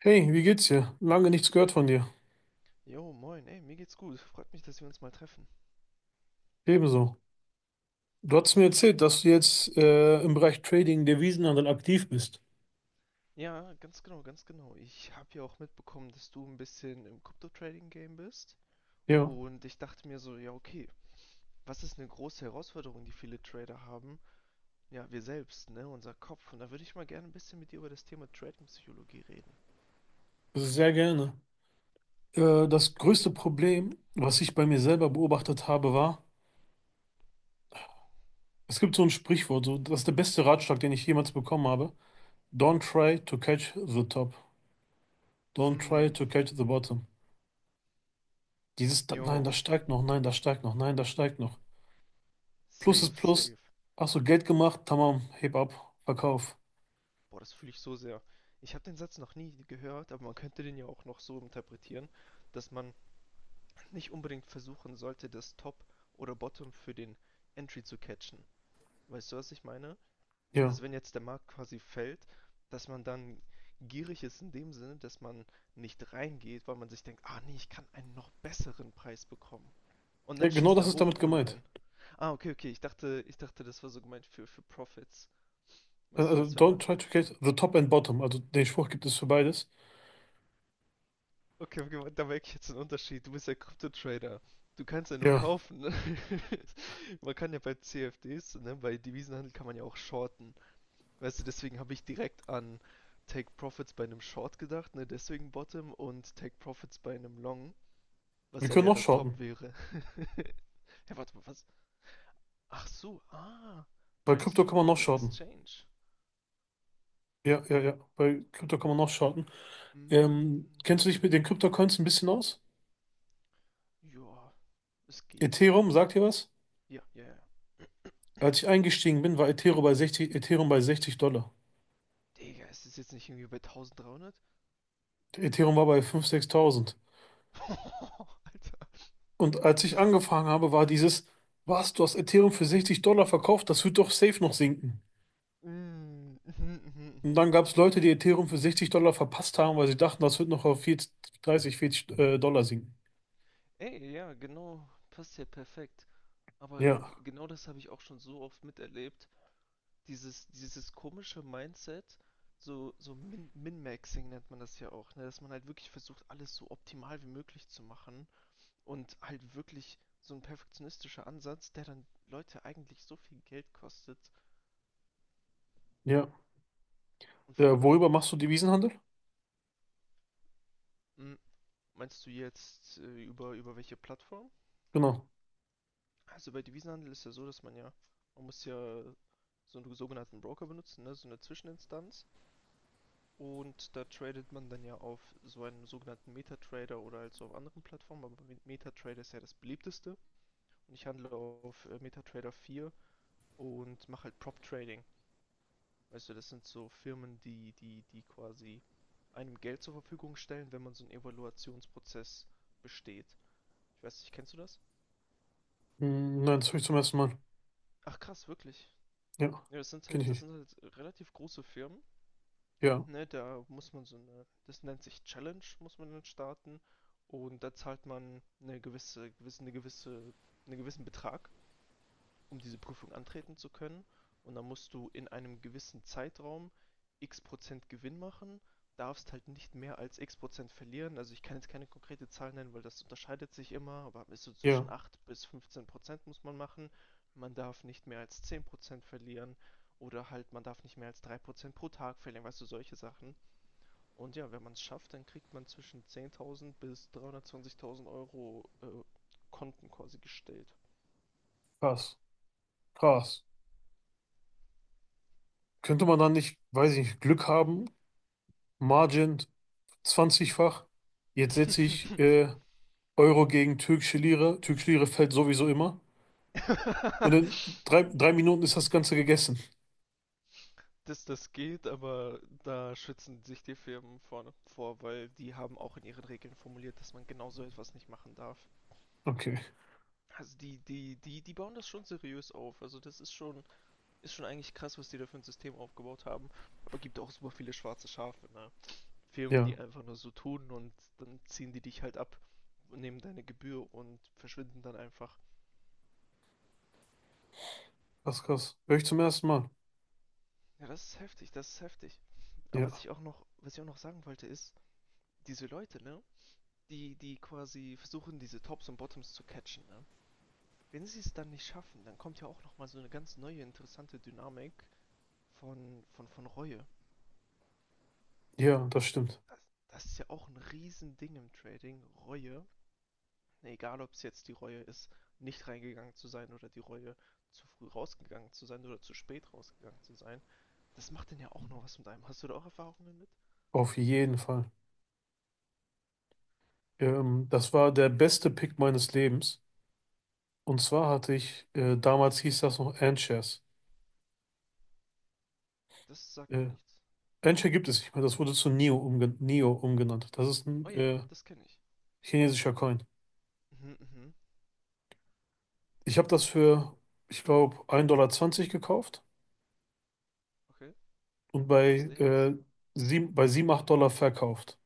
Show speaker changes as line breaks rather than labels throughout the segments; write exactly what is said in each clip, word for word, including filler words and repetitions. Hey, wie geht's dir? Lange nichts gehört von dir.
Jo, moin, ey, mir geht's gut. Freut mich, dass wir uns mal treffen.
Ebenso. Du hast mir erzählt, dass du jetzt äh, im Bereich Trading, Devisenhandel aktiv bist.
Ja, ganz genau, ganz genau. Ich habe ja auch mitbekommen, dass du ein bisschen im Crypto-Trading-Game bist.
Ja,
Und ich dachte mir so, ja, okay, was ist eine große Herausforderung, die viele Trader haben? Ja, wir selbst, ne, unser Kopf. Und da würde ich mal gerne ein bisschen mit dir über das Thema Trading-Psychologie reden.
sehr gerne. Äh, das größte Problem, was ich bei mir selber beobachtet habe, war, es gibt so ein Sprichwort, so, das ist der beste Ratschlag, den ich jemals bekommen habe. Don't try to catch the top. Don't try
Mm,
to catch the bottom. Dieses, da- nein, das
jo,
steigt noch, nein, das steigt noch, nein, das steigt noch. Plus ist
safe,
Plus.
safe.
Hast du Geld gemacht? Tamam, heb ab, verkauf.
Boah, das fühle ich so sehr. Ich habe den Satz noch nie gehört, aber man könnte den ja auch noch so interpretieren, dass man nicht unbedingt versuchen sollte, das Top oder Bottom für den Entry zu catchen. Weißt du, was ich meine?
Ja.
Dass wenn jetzt der Markt quasi fällt, dass man dann gierig ist in dem Sinne, dass man nicht reingeht, weil man sich denkt, ah nee, ich kann einen noch besseren Preis bekommen. Und
Ja,
dann
genau
schießt
das
er
ist
hoch
damit
ohne
gemeint.
einen. Ah, okay, okay, ich dachte, ich dachte, das war so gemeint für, für Profits.
Äh,
Weißt du,
Also,
dass wenn
don't
man.
try to catch the top and bottom. Also, den Spruch gibt es für beides.
Okay, okay, da merke ich jetzt einen Unterschied. Du bist ja Krypto-Trader. Du kannst ja nur
Ja,
kaufen, ne? Man kann ja bei C F Ds, ne, bei Devisenhandel kann man ja auch shorten. Weißt du, deswegen habe ich direkt an Take Profits bei einem Short gedacht, ne, deswegen Bottom und Take Profits bei einem Long, was
wir
dann
können
ja
noch
das Top
shorten.
wäre. Ja, warte mal, was? Ach so, ah,
Bei
tradest
Krypto
du
kann man
über
noch
eine
shorten.
Exchange?
Ja, ja, ja. Bei Krypto kann man noch shorten. Ähm,
Hm,
kennst du dich mit den krypto ein bisschen aus?
ja, es geht, es
Ethereum,
geht.
sagt dir was?
Ja, ja, ja.
Als ich eingestiegen bin, war Ethereum bei sechzig, Ethereum bei sechzig Dollar.
Digga, ist es jetzt nicht irgendwie bei dreizehnhundert?
Ethereum war bei fünftausend, sechstausend. Und als ich angefangen habe, war dieses, was, du hast Ethereum für sechzig Dollar verkauft? Das wird doch safe noch sinken.
Mm, mhm, mhm,
Und dann
mhm.
gab es Leute, die Ethereum für sechzig Dollar verpasst haben, weil sie dachten, das wird noch auf vierzig, dreißig, vierzig äh, Dollar sinken.
Ey, ja, genau, passt ja perfekt. Aber äh, g-
Ja,
genau das habe ich auch schon so oft miterlebt. Dieses, dieses komische Mindset, so, so Min Min-Maxing nennt man das ja auch, ne? Dass man halt wirklich versucht, alles so optimal wie möglich zu machen. Und halt wirklich so ein perfektionistischer Ansatz, der dann Leute eigentlich so viel Geld kostet.
ja.
Und
Äh,
vor
worüber
allem,
machst du Devisenhandel?
mm, meinst du jetzt äh, über, über welche Plattform?
Genau.
Also bei Devisenhandel ist ja so, dass man ja, man muss ja so einen sogenannten Broker benutzen, ne? So eine Zwischeninstanz. Und da tradet man dann ja auf so einem sogenannten MetaTrader oder also auf anderen Plattformen, aber MetaTrader ist ja das beliebteste. Und ich handle auf äh, MetaTrader vier und mache halt Prop Trading. Weißt du, das sind so Firmen, die, die, die quasi einem Geld zur Verfügung stellen, wenn man so einen Evaluationsprozess besteht. Ich weiß nicht, kennst du das?
Hm, nein, das höre ich zum ersten Mal.
Ach krass, wirklich.
Ja,
Ja, das sind
kenne
halt,
ich
das
nicht.
sind halt relativ große Firmen.
Ja,
Ne, da muss man so eine, das nennt sich Challenge, muss man dann starten. Und da zahlt man eine gewisse, gewisse, eine gewisse, einen gewissen Betrag, um diese Prüfung antreten zu können. Und dann musst du in einem gewissen Zeitraum x Prozent Gewinn machen, darfst halt nicht mehr als x Prozent verlieren. Also ich kann jetzt keine konkrete Zahl nennen, weil das unterscheidet sich immer, aber ist so
ja.
zwischen acht bis fünfzehn Prozent muss man machen. Man darf nicht mehr als zehn Prozent verlieren oder halt man darf nicht mehr als drei Prozent pro Tag verlieren, weißt du, solche Sachen. Und ja, wenn man es schafft, dann kriegt man zwischen zehntausend bis dreihundertzwanzigtausend Euro äh, Konten quasi gestellt.
Krass, krass. Könnte man dann nicht, weiß ich nicht, Glück haben? Margin zwanzig-fach. Jetzt setze ich äh, Euro gegen türkische Lira. Türkische Lira fällt sowieso immer. Und in drei, drei Minuten ist das Ganze gegessen.
Dass das geht, aber da schützen sich die Firmen vorne vor, weil die haben auch in ihren Regeln formuliert, dass man genau so etwas nicht machen darf.
Okay,
Also die, die, die, die bauen das schon seriös auf. Also das ist schon, ist schon eigentlich krass, was die da für ein System aufgebaut haben. Aber gibt auch super viele schwarze Schafe, ne? Firmen, die
ja.
einfach nur so tun und dann ziehen die dich halt ab, nehmen deine Gebühr und verschwinden dann einfach.
Krass, krass. Höre ich zum ersten Mal.
Ja, das ist heftig, das ist heftig. Aber was
Ja.
ich auch noch, was ich auch noch sagen wollte, ist, diese Leute, ne, die, die quasi versuchen, diese Tops und Bottoms zu catchen, ne? Wenn sie es dann nicht schaffen, dann kommt ja auch nochmal so eine ganz neue, interessante Dynamik von, von, von Reue.
Ja, das stimmt.
Das, das ist ja auch ein Riesending im Trading, Reue. Egal, ob es jetzt die Reue ist, nicht reingegangen zu sein oder die Reue, zu früh rausgegangen zu sein oder zu spät rausgegangen zu sein. Das macht denn ja auch noch was mit einem. Hast du da auch Erfahrungen mit?
Auf jeden Fall. Ähm, das war der beste Pick meines Lebens. Und zwar hatte ich, äh, damals hieß das noch Ant-Shares.
Das sagt mir
Äh,
nichts.
Ant-Share gibt es nicht mehr, das wurde zu Neo, umgen Neo umgenannt. Das ist ein
Oh ja,
äh,
das kenne ich.
chinesischer Coin.
Mhm, mhm.
Ich habe das für, ich glaube, ein Dollar zwanzig zwanzig gekauft
Okay.
und
Wo ist
bei,
der jetzt?
äh, sieben, bei sieben acht Dollar verkauft.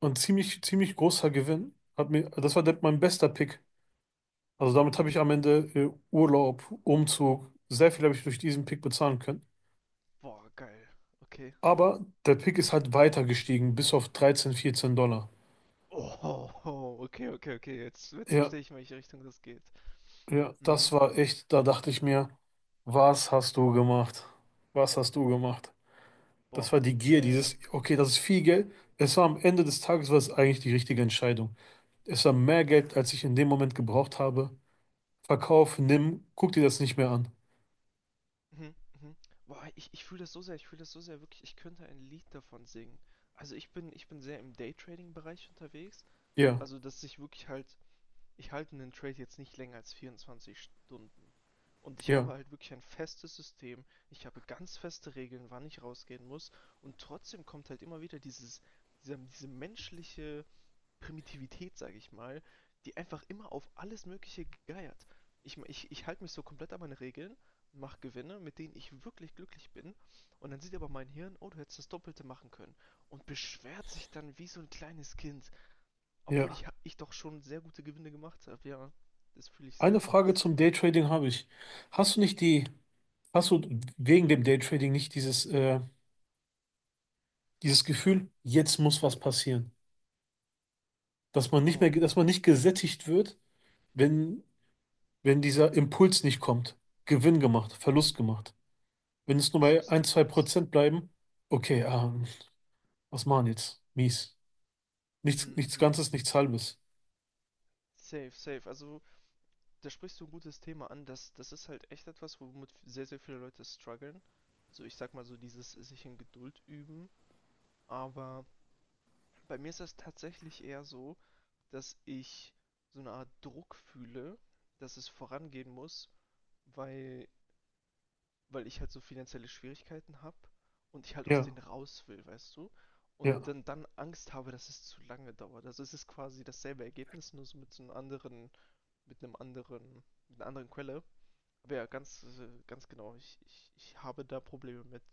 Und ziemlich, ziemlich großer Gewinn. Hat mir, das war der, mein bester Pick. Also damit habe ich
Mm.
am Ende äh, Urlaub, Umzug, sehr viel habe ich durch diesen Pick bezahlen können.
Boah, geil. Okay.
Aber der Pick ist halt weiter gestiegen, bis auf dreizehn vierzehn Dollar.
Oh, oh, okay, okay, okay. Jetzt, jetzt
Ja,
verstehe ich, in welche Richtung das geht.
ja, das
Mhm.
war echt, da dachte ich mir, was hast du gemacht? Was hast du gemacht? Das
Boah.
war die
Ja,
Gier,
ja, ja.
dieses, okay, das ist viel Geld. Es war am Ende des Tages, war es eigentlich die richtige Entscheidung. Es war mehr Geld, als ich in dem Moment gebraucht habe. Verkauf, nimm, guck dir das nicht mehr an.
Mhm, mhm. Boah, ich, ich fühle das so sehr, ich fühle das so sehr, wirklich, ich könnte ein Lied davon singen. Also ich bin, ich bin sehr im Daytrading-Bereich unterwegs. So,
Ja,
also dass ich wirklich halt, ich halte einen Trade jetzt nicht länger als vierundzwanzig Stunden. Und ich habe
ja,
halt wirklich ein festes System. Ich habe ganz feste Regeln, wann ich rausgehen muss. Und trotzdem kommt halt immer wieder dieses, dieser, diese menschliche Primitivität, sage ich mal, die einfach immer auf alles Mögliche geiert. Ich, ich, ich halte mich so komplett an meine Regeln, mache Gewinne, mit denen ich wirklich glücklich bin. Und dann sieht aber mein Hirn, oh, du hättest das Doppelte machen können. Und beschwert sich dann wie so ein kleines Kind. Obwohl
ja.
ich, ich doch schon sehr gute Gewinne gemacht habe. Ja, das fühle ich sehr,
Eine
das fühle ich
Frage zum
sehr.
Daytrading habe ich. Hast du nicht die, hast du wegen dem Daytrading nicht dieses äh, Dieses Gefühl, jetzt muss was passieren. Dass man nicht
Oh,
mehr, dass man nicht gesättigt wird, wenn, wenn dieser Impuls nicht kommt. Gewinn gemacht, Verlust gemacht. Wenn es nur
das
bei ein
Lustige
zwei
ist.
Prozent bleiben, okay, ähm, was machen jetzt? Mies. Nichts,
Mhm,
nichts
mhm.
Ganzes, nichts Halbes.
Safe, safe. Also, da sprichst du ein gutes Thema an. Das, das ist halt echt etwas, womit sehr, sehr viele Leute strugglen. So, ich sag mal so, dieses sich in Geduld üben. Aber bei mir ist das tatsächlich eher so, dass ich so eine Art Druck fühle, dass es vorangehen muss, weil, weil ich halt so finanzielle Schwierigkeiten habe und ich halt aus
Ja,
denen raus will, weißt du? Und
ja,
dann, dann Angst habe, dass es zu lange dauert. Also es ist quasi dasselbe Ergebnis, nur so mit so einem anderen mit einem anderen, mit einer anderen Quelle. Aber ja, ganz, äh, ganz genau. Ich, ich, ich habe da Probleme mit.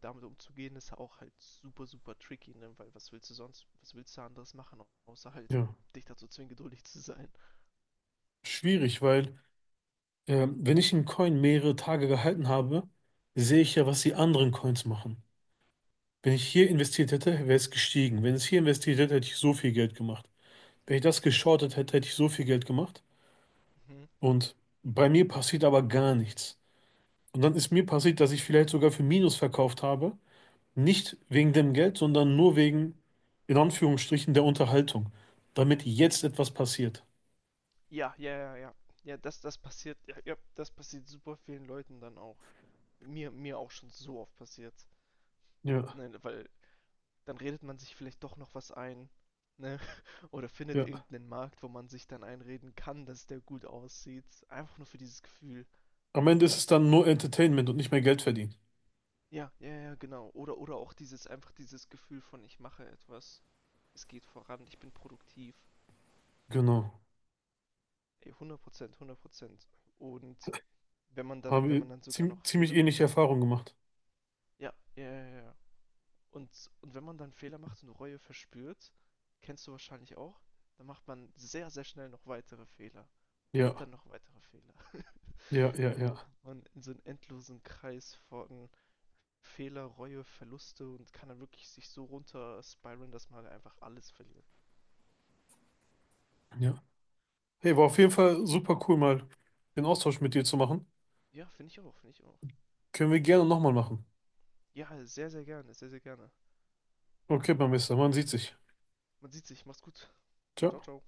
Damit umzugehen ist auch halt super, super tricky, ne? Weil was willst du sonst, was willst du anderes machen, außer halt
ja.
dich dazu zwingen, geduldig zu sein.
Schwierig, weil ähm, wenn ich einen Coin mehrere Tage gehalten habe, sehe ich ja, was die anderen Coins machen. Wenn ich hier investiert hätte, wäre es gestiegen. Wenn es hier investiert hätte, hätte ich so viel Geld gemacht. Wenn ich das geschortet hätte, hätte ich so viel Geld gemacht.
Mhm.
Und bei mir passiert aber gar nichts. Und dann ist mir passiert, dass ich vielleicht sogar für Minus verkauft habe. Nicht wegen dem Geld, sondern nur wegen, in Anführungsstrichen, der Unterhaltung. Damit jetzt etwas passiert.
Ja, ja, ja, ja. Ja, das, das passiert, ja, ja, das passiert super vielen Leuten dann auch. Mir, mir auch schon so oft passiert.
Ja,
Ne, weil dann redet man sich vielleicht doch noch was ein, ne, oder findet
ja.
irgendeinen Markt, wo man sich dann einreden kann, dass der gut aussieht. Einfach nur für dieses Gefühl.
Am Ende ist es dann nur Entertainment und nicht mehr Geld verdienen.
Ja, ja, ja, genau. Oder, oder auch dieses, einfach dieses Gefühl von, ich mache etwas, es geht voran, ich bin produktiv.
Genau.
Ey, hundert Prozent, hundert Prozent. Und wenn man
Haben
dann, wenn
wir
man dann sogar
ziem-
noch
ziemlich
Fehler macht.
ähnliche Erfahrungen gemacht.
Ja, ja, ja, ja, ja. Und, und wenn man dann Fehler macht und Reue verspürt, kennst du wahrscheinlich auch, dann macht man sehr, sehr schnell noch weitere Fehler.
Ja,
Und dann noch weitere Fehler.
ja, ja,
Und dann
ja,
kommt man in so einen endlosen Kreis von Fehler, Reue, Verluste und kann dann wirklich sich so runter spiralen, dass man halt einfach alles verliert.
ja. Hey, war auf jeden Fall super cool, mal den Austausch mit dir zu machen.
Ja, finde ich auch, finde ich auch.
Können wir gerne nochmal machen.
Ja, sehr, sehr gerne, sehr, sehr gerne.
Okay, Barmester, man sieht sich.
Man sieht sich. Mach's gut. Ciao,
Ciao.
ciao.